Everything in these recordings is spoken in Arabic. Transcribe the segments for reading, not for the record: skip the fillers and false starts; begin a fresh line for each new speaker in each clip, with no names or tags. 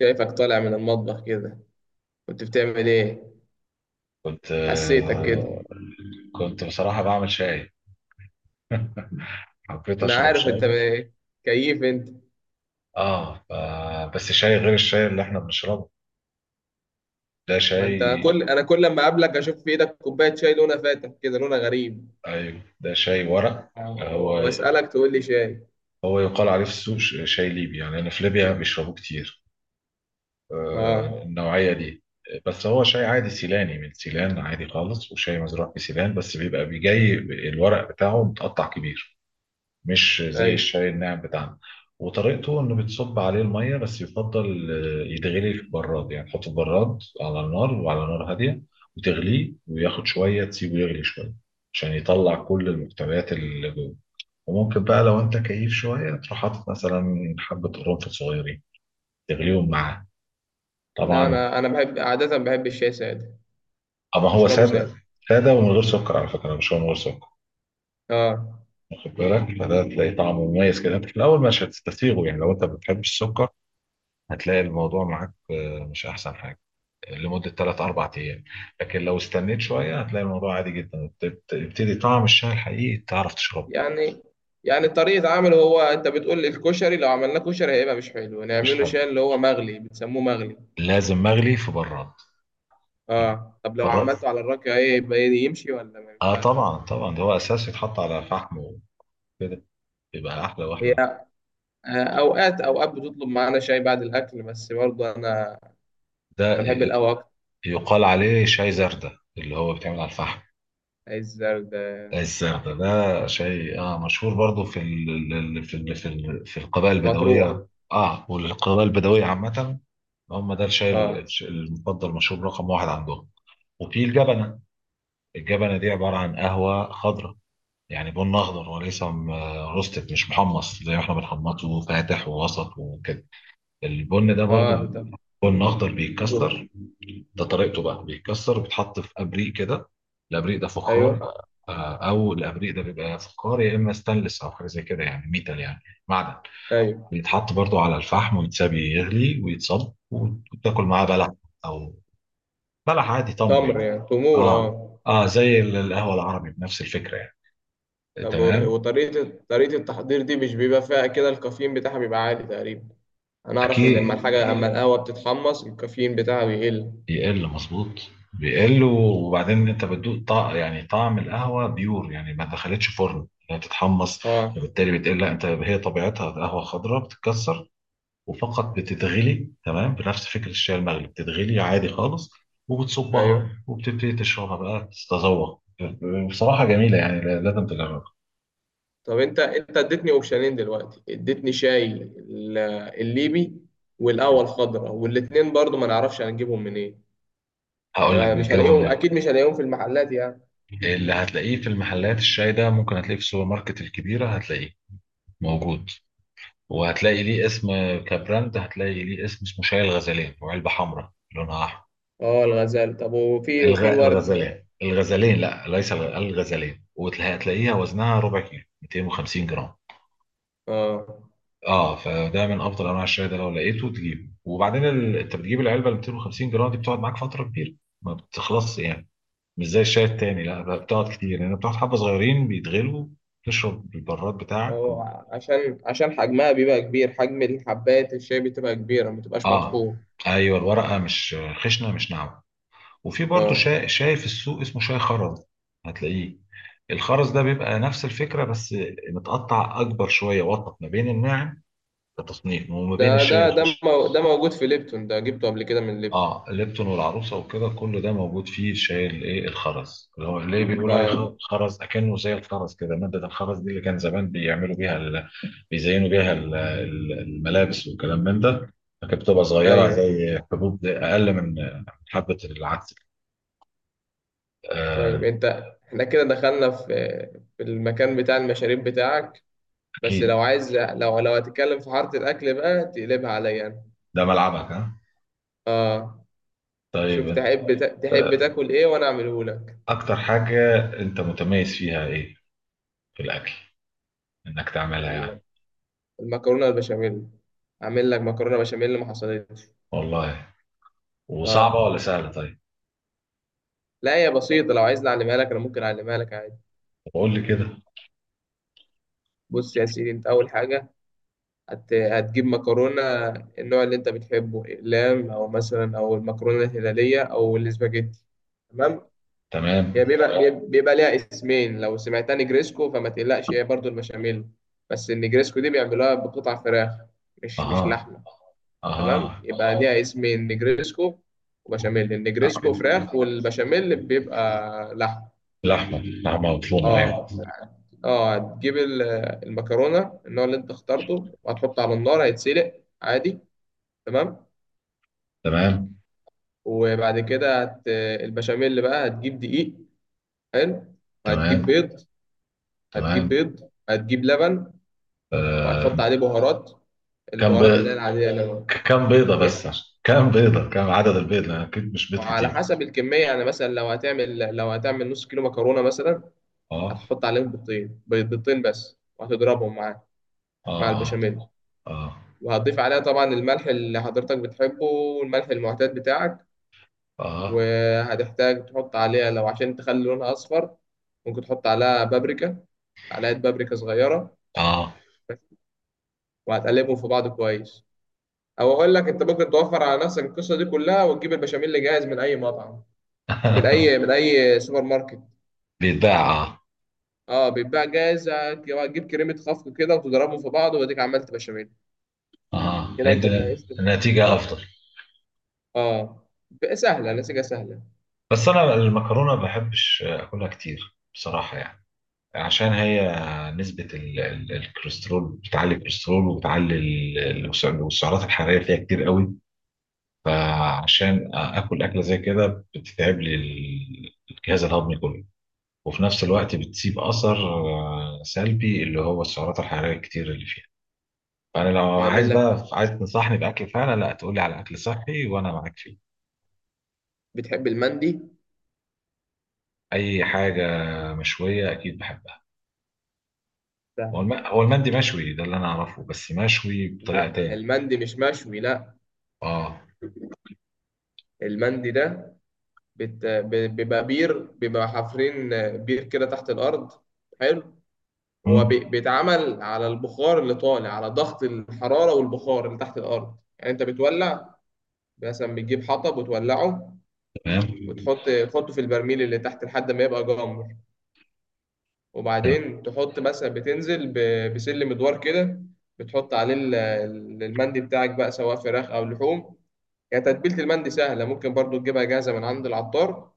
شايفك طالع من المطبخ كده. كنت بتعمل ايه؟
كنت
حسيتك كده.
آه، كنت بصراحة بعمل شاي. حبيت
انا
أشرب
عارف انت
شاي.
إيه. كيف انت؟
بس شاي غير الشاي اللي إحنا بنشربه. ده
ما
شاي.
انت كل ما اقابلك اشوف في ايدك كوبايه شاي لونها فاتح كده، لونها غريب.
أيوة، ده شاي ورق. هو
واسالك تقول لي شاي.
هو يقال عليه في السوق شاي ليبي. يعني أنا في ليبيا بيشربوه كتير.
اه،
النوعية دي. بس هو شاي عادي سيلاني من سيلان، عادي خالص، وشاي مزروع في سيلان، بس بيبقى بيجي الورق بتاعه متقطع كبير، مش زي
ايوه.
الشاي الناعم بتاعنا. وطريقته انه بتصب عليه الميه، بس يفضل يتغلي في براد. يعني تحط في براد على النار، وعلى نار هاديه وتغليه، وياخد شويه تسيبه يغلي شويه عشان يطلع كل المحتويات اللي جوه. وممكن بقى لو انت كيف شويه تروح حاطط مثلا حبه قرنفل صغيرين تغليهم معاه.
لا،
طبعا.
انا بحب عاده، بحب الشاي ساده،
اما هو
بشربه
ساده.
ساده.
ساده ومن غير سكر على فكره، مش هو من غير سكر.
اه.
واخد بالك، فده تلاقي طعمه مميز كده. انت في الاول مش هتستسيغه، يعني لو انت ما بتحبش السكر هتلاقي الموضوع معاك مش احسن حاجه لمده 3 4 ايام. لكن لو استنيت شويه هتلاقي الموضوع عادي جدا، يبتدي طعم الشاي الحقيقي تعرف تشربه.
يعني يعني طريقه عمله، هو انت بتقول لي الكشري لو عملناه كشري هيبقى مش حلو،
مش
نعمله
حاجه.
شاي اللي هو مغلي، بتسموه مغلي.
لازم مغلي في براد.
اه. طب لو
براد.
عملته على الراكعه ايه يبقى؟ يمشي ولا ما
اه،
ينفعش؟
طبعا طبعا. ده هو اساس يتحط على فحم وكده، يبقى احلى
هي.
واحلى.
اوقات اوقات بتطلب معانا شاي بعد الاكل، بس برضه انا
ده
بحب
ي-
القهوه اكتر.
يقال عليه شاي زردة اللي هو بيتعمل على الفحم.
عايز زرد.
الزردة
صحي.
ده شاي مشهور برضو في ال... ال- ال- في ال... في ال... في القبائل
مطروح.
البدوية. اه والقبائل البدوية عامة، هم ده الشاي
اه.
المفضل، مشروب رقم واحد عندهم. وفي الجبنة. الجبنة دي عبارة عن قهوة خضراء. يعني بن أخضر، وليس روستد. مش محمص زي ما احنا بنحمصه فاتح ووسط وكده. البن ده برضو
اه. طب
بن أخضر
طب-
بيتكسر. ده طريقته بقى، بيتكسر وبيتحط في أبريق كده. الأبريق ده فخار.
ايوه،
أو الأبريق ده بيبقى يا فخار، يا إما ستانلس، أو حاجة زي كده يعني ميتال، يعني معدن.
ايوه.
بيتحط برضو على الفحم ويتساب يغلي ويتصب، وتاكل معاه بلح. أو بلح عادي، تمر
تمر
يعني.
يعني تمور.
اه،
اه.
اه، زي القهوه العربي بنفس الفكره يعني.
طب
تمام.
وطريقه التحضير دي مش بيبقى فيها كده الكافيين بتاعها بيبقى عالي تقريبا. انا اعرف ان
اكيد.
اما القهوه بتتحمص الكافيين بتاعها بيقل.
يقل، مظبوط. بيقل. وبعدين انت بتدوق يعني طعم القهوه بيور، يعني ما دخلتش فرن لا تتحمص،
اه.
فبالتالي بتقل. لا انت، هي طبيعتها قهوه خضراء بتتكسر، وفقط بتتغلي. تمام. بنفس فكره الشاي المغلي بتتغلي عادي خالص، وبتصبها
ايوه.
وبتبتدي تشربها بقى، تتذوق. بصراحه جميله، يعني لازم تجربها.
طب انت اديتني اوبشنين دلوقتي، اديتني شاي الليبي، والقهوه الخضراء، والاتنين برضو ما نعرفش هنجيبهم منين. يعني
هقول لك،
أنا مش
بيجابوا
هلاقيهم،
من،
اكيد مش هلاقيهم في المحلات يعني.
اللي هتلاقيه في المحلات الشاي ده ممكن هتلاقيه في السوبر ماركت الكبيرة، هتلاقيه موجود. وهتلاقي ليه اسم كبراند، هتلاقي ليه اسم، اسمه شاي الغزلان، وعلبة حمراء لونها أحمر.
اه، الغزال. طب وفي الورد.
الغزلان، الغزلان، لا ليس الغزلان، وهتلاقيها وزنها ربع كيلو 250 جرام.
اه.
اه فده من افضل انواع الشاي. ده لو لقيته تجيبه، وبعدين انت بتجيب العلبه ال 250 جرام دي، بتقعد معاك فتره كبيره، ما بتخلصش يعني، مش زي الشاي التاني. لا بقى، بتقعد كتير لان يعني بتقعد حبه صغيرين بيتغلوا، تشرب البراد
ما
بتاعك.
هو عشان حجمها بيبقى كبير، حجم الحبات الشاي بتبقى كبيره، ما بتبقاش
اه،
مطحون.
ايوه، الورقه مش خشنه، مش ناعمه. وفي برضه
اه.
شاي في السوق اسمه شاي خرز، هتلاقيه. الخرز ده بيبقى نفس الفكره، بس متقطع اكبر شويه، وسط ما بين الناعم كتصنيف، وما بين الشاي الخشن.
ده موجود في ليبتون، ده جبته قبل كده من ليبتون.
اه، ليبتون والعروسه وكده، كل ده موجود فيه الشاي الايه الخرز، اللي هو ليه بيقولوا عليه
اه.
خرز، اكنه زي الخرز كده، ماده الخرز دي اللي كان زمان بيعملوا بيها، بيزينوا بيها الملابس والكلام من ده. لكن بتبقى صغيرة
ايوه.
زي حبوب، أقل من حبة العدس. آه.
طيب انت، احنا كده دخلنا في المكان بتاع المشاريب بتاعك، بس
أكيد.
لو عايز لو لو هتتكلم في حاره الاكل بقى تقلبها عليا انا.
ده ملعبك، ها.
اه. شوف،
طيب.
تحب تاكل ايه وانا اعمله لك.
أكتر حاجة أنت متميز فيها إيه في الأكل، إنك تعملها
أقول
يعني؟
لك، المكرونه البشاميل. اعمل لك مكرونه بشاميل اللي ما حصلتش.
والله. وصعبة
اه.
ولا سهلة، طيب؟
لا هي بسيطه، لو عايز اعلمها لك انا ممكن اعلمها لك عادي.
طب قول لي كده.
بص يا سيدي، انت اول حاجه هتجيب مكرونه النوع اللي انت بتحبه، اقلام او مثلا او المكرونه الهلاليه او الاسباجيتي. تمام.
تمام.
هي بيبقى ليها اسمين، لو سمعتها نجريسكو فما تقلقش، هي برضو البشاميل، بس النجريسكو دي بيعملوها بقطع فراخ، مش
أها،
لحمة. تمام،
أها.
يبقى اه ليها اسمين، نجريسكو وبشاميل. النجريسكو فراخ والبشاميل بيبقى لحمة.
لحمة، لحمة مفرومة، أيوه.
اه. اه. هتجيب المكرونة النوع اللي انت اخترته، وهتحطه على النار هيتسلق عادي. تمام.
تمام.
وبعد كده البشاميل بقى هتجيب دقيق، حلو. وهتجيب
تمام.
بيض.
تمام.
هتجيب لبن،
آه،
وهتحط عليه بهارات.
كم
البهارات اللي هي
بيض؟
العادية اللي هو
كام بيضة بس؟
ايه،
كام عدد البيض؟ لأن أكيد مش بيض
وعلى
كتير.
حسب الكمية. يعني مثلا لو هتعمل نص كيلو مكرونة مثلا،
اه.
هتحط عليهم بيضتين بس، وهتضربهم مع
اه.
البشاميل،
اه.
وهتضيف عليها طبعا الملح اللي حضرتك بتحبه، والملح المعتاد بتاعك.
اه.
وهتحتاج تحط عليها لو عشان تخلي لونها أصفر ممكن تحط عليها بابريكا، معلقة بابريكا صغيرة،
اه.
وهتقلبهم في بعض كويس. او اقول لك انت ممكن توفر على نفسك القصه دي كلها وتجيب البشاميل اللي جاهز من اي مطعم، من
اه.
اي سوبر ماركت.
بيتباع، اه.
اه بيتباع جاهز، هتجيب كريمه خفق كده وتضربهم في بعض، واديك عملت بشاميل.
اه،
كده انت
هيدي
جهزت
نتيجة
المكرونه.
أفضل.
اه، بقى سهله، نسيجها سهله.
بس أنا المكرونة ما بحبش أكلها كتير بصراحة، يعني عشان هي نسبة الكوليسترول بتعلي الكوليسترول، وبتعلي السعرات الحرارية فيها كتير قوي. فعشان آكل أكلة زي كده، بتتعب لي الجهاز الهضمي كله. وفي نفس الوقت بتسيب أثر سلبي، اللي هو السعرات الحرارية الكتير اللي فيها. فأنا لو
نعمل
عايز
لك،
بقى، عايز تنصحني بأكل فعلا، لا تقولي على أكل صحي وأنا معاك فيه.
بتحب المندي؟
أي حاجة مشوية أكيد بحبها. هو
سهله دي.
هو المندي مشوي ده اللي أنا أعرفه، بس مشوي بطريقة
لا،
تاني.
المندي مش مشوي، لا.
أه.
المندي ده بيبقى بير، بيبقى حافرين بير كده تحت الارض، حلو. هو
مم.
بيتعمل على البخار اللي طالع على ضغط الحراره، والبخار اللي تحت الارض يعني، انت بتولع مثلا، بتجيب حطب وتولعه،
تمام.
تحطه في البرميل اللي تحت لحد ما يبقى جمر.
تمام.
وبعدين تحط مثلا، بتنزل بسلم ادوار كده، بتحط عليه المندي بتاعك بقى سواء فراخ او لحوم. يعني تتبيلة المندي سهلة، ممكن برضو تجيبها جاهزة من عند العطار.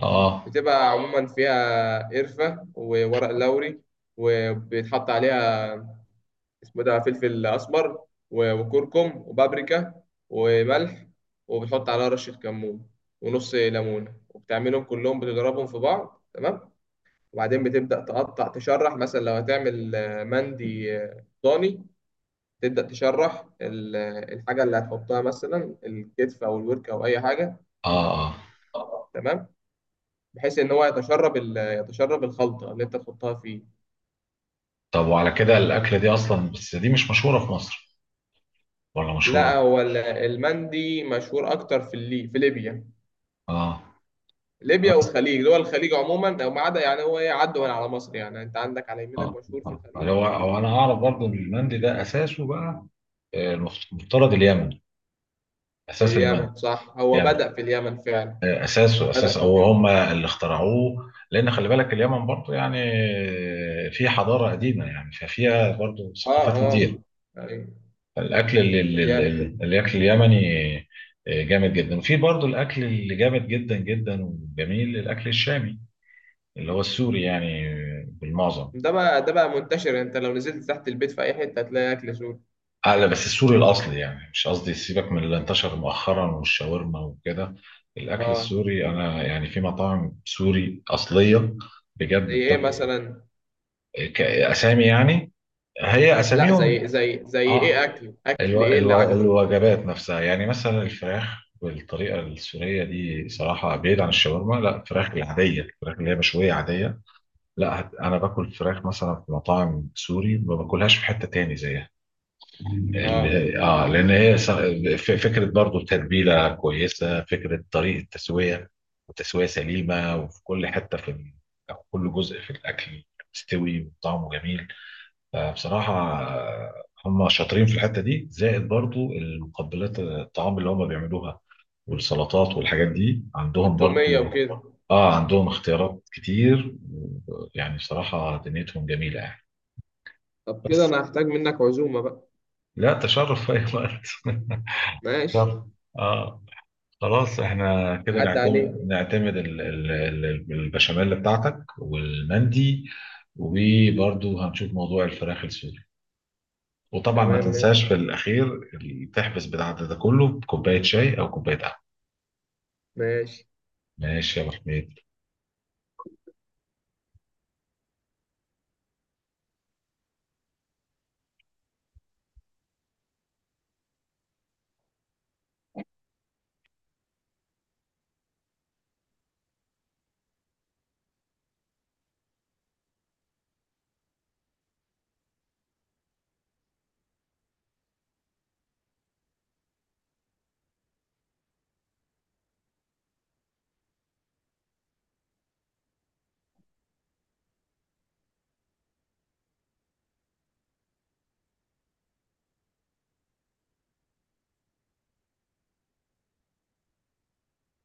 اه.
بتبقى عموما فيها قرفة وورق لوري، وبيتحط عليها اسمه ده فلفل أسمر وكركم وبابريكا وملح، وبتحط عليها رشة كمون ونص ليمونة، وبتعملهم كلهم بتضربهم في بعض. تمام. وبعدين بتبدأ تقطع تشرح، مثلا لو هتعمل مندي ضاني، تبدأ تشرح الحاجة اللي هتحطها، مثلا الكتف أو الورك أو أي حاجة.
اه. اه.
تمام. بحيث إن هو يتشرب يتشرب الخلطة اللي أنت تحطها فيه.
طب، وعلى كده الاكله دي اصلا، بس دي مش مشهوره في مصر ولا
لا،
مشهوره؟
هو المندي مشهور أكتر في في ليبيا.
اه. انا
ليبيا
أص-
والخليج، دول الخليج عموما، أو ما عدا يعني هو إيه، عدوا من على مصر. يعني أنت عندك على يمينك
اه.
مشهور في
آه.
الخليج.
هو انا اعرف برضو ان المندي ده اساسه بقى، المفترض اليمن، اساس المنهج
اليمن، صح، هو
يعني،
بدأ في اليمن فعلا،
اساسه
بدأ
اساس،
في
او
اليمن.
هم اللي اخترعوه، لان خلي بالك اليمن برضو يعني في حضاره قديمه، يعني ففيها برضو
اه.
ثقافات كتير.
اه. ايوه.
الاكل
الياقة.
الاكل اليمني جامد جدا. وفي برضو الاكل اللي جامد جدا جدا وجميل، الاكل الشامي اللي هو السوري يعني، بالمعظم.
ده بقى منتشر، انت لو نزلت تحت البيت في اي حته هتلاقي اكل سوري.
لا، بس السوري الأصلي يعني، مش قصدي، سيبك من اللي انتشر مؤخرا والشاورما وكده، الأكل
اه،
السوري أنا يعني في مطاعم سوري أصلية بجد
زي ايه
بتاكل.
مثلا؟
أسامي يعني، هي
لا،
أساميهم.
زي
آه.
ايه، اكل ايه اللي عجبك كده؟
الوجبات نفسها يعني، مثلا الفراخ بالطريقة السورية دي صراحة، بعيد عن الشاورما، لا، الفراخ العادية، الفراخ اللي هي مشوية عادية. لا، أنا باكل فراخ مثلا في مطاعم سوري، ما باكلهاش في حتة تاني زيها.
اه.
اللي لان هي فكره برضو تتبيله كويسه، فكره طريقه تسويه وتسويه سليمه. وفي كل حته في أو كل جزء في الاكل، مستوي وطعمه جميل. فبصراحه هم شاطرين في الحته دي، زائد برضو المقبلات الطعام اللي هم بيعملوها والسلطات والحاجات دي عندهم برضو.
والتوميه وكده.
اه، عندهم اختيارات كتير، يعني بصراحه دنيتهم جميله يعني.
طب كده
بس
انا هحتاج منك عزومه بقى.
لا، تشرف في اي وقت
ماشي،
تشرف. اه. خلاص، احنا كده
عدى عليك.
نعتمد البشاميل بتاعتك والمندي، وبرضه هنشوف موضوع الفراخ السوري. وطبعا ما
تمام، ماشي
تنساش في الاخير، تحبس بتاع ده كله بكوبايه شاي او كوبايه قهوه.
ماشي.
ماشي يا ابو حميد.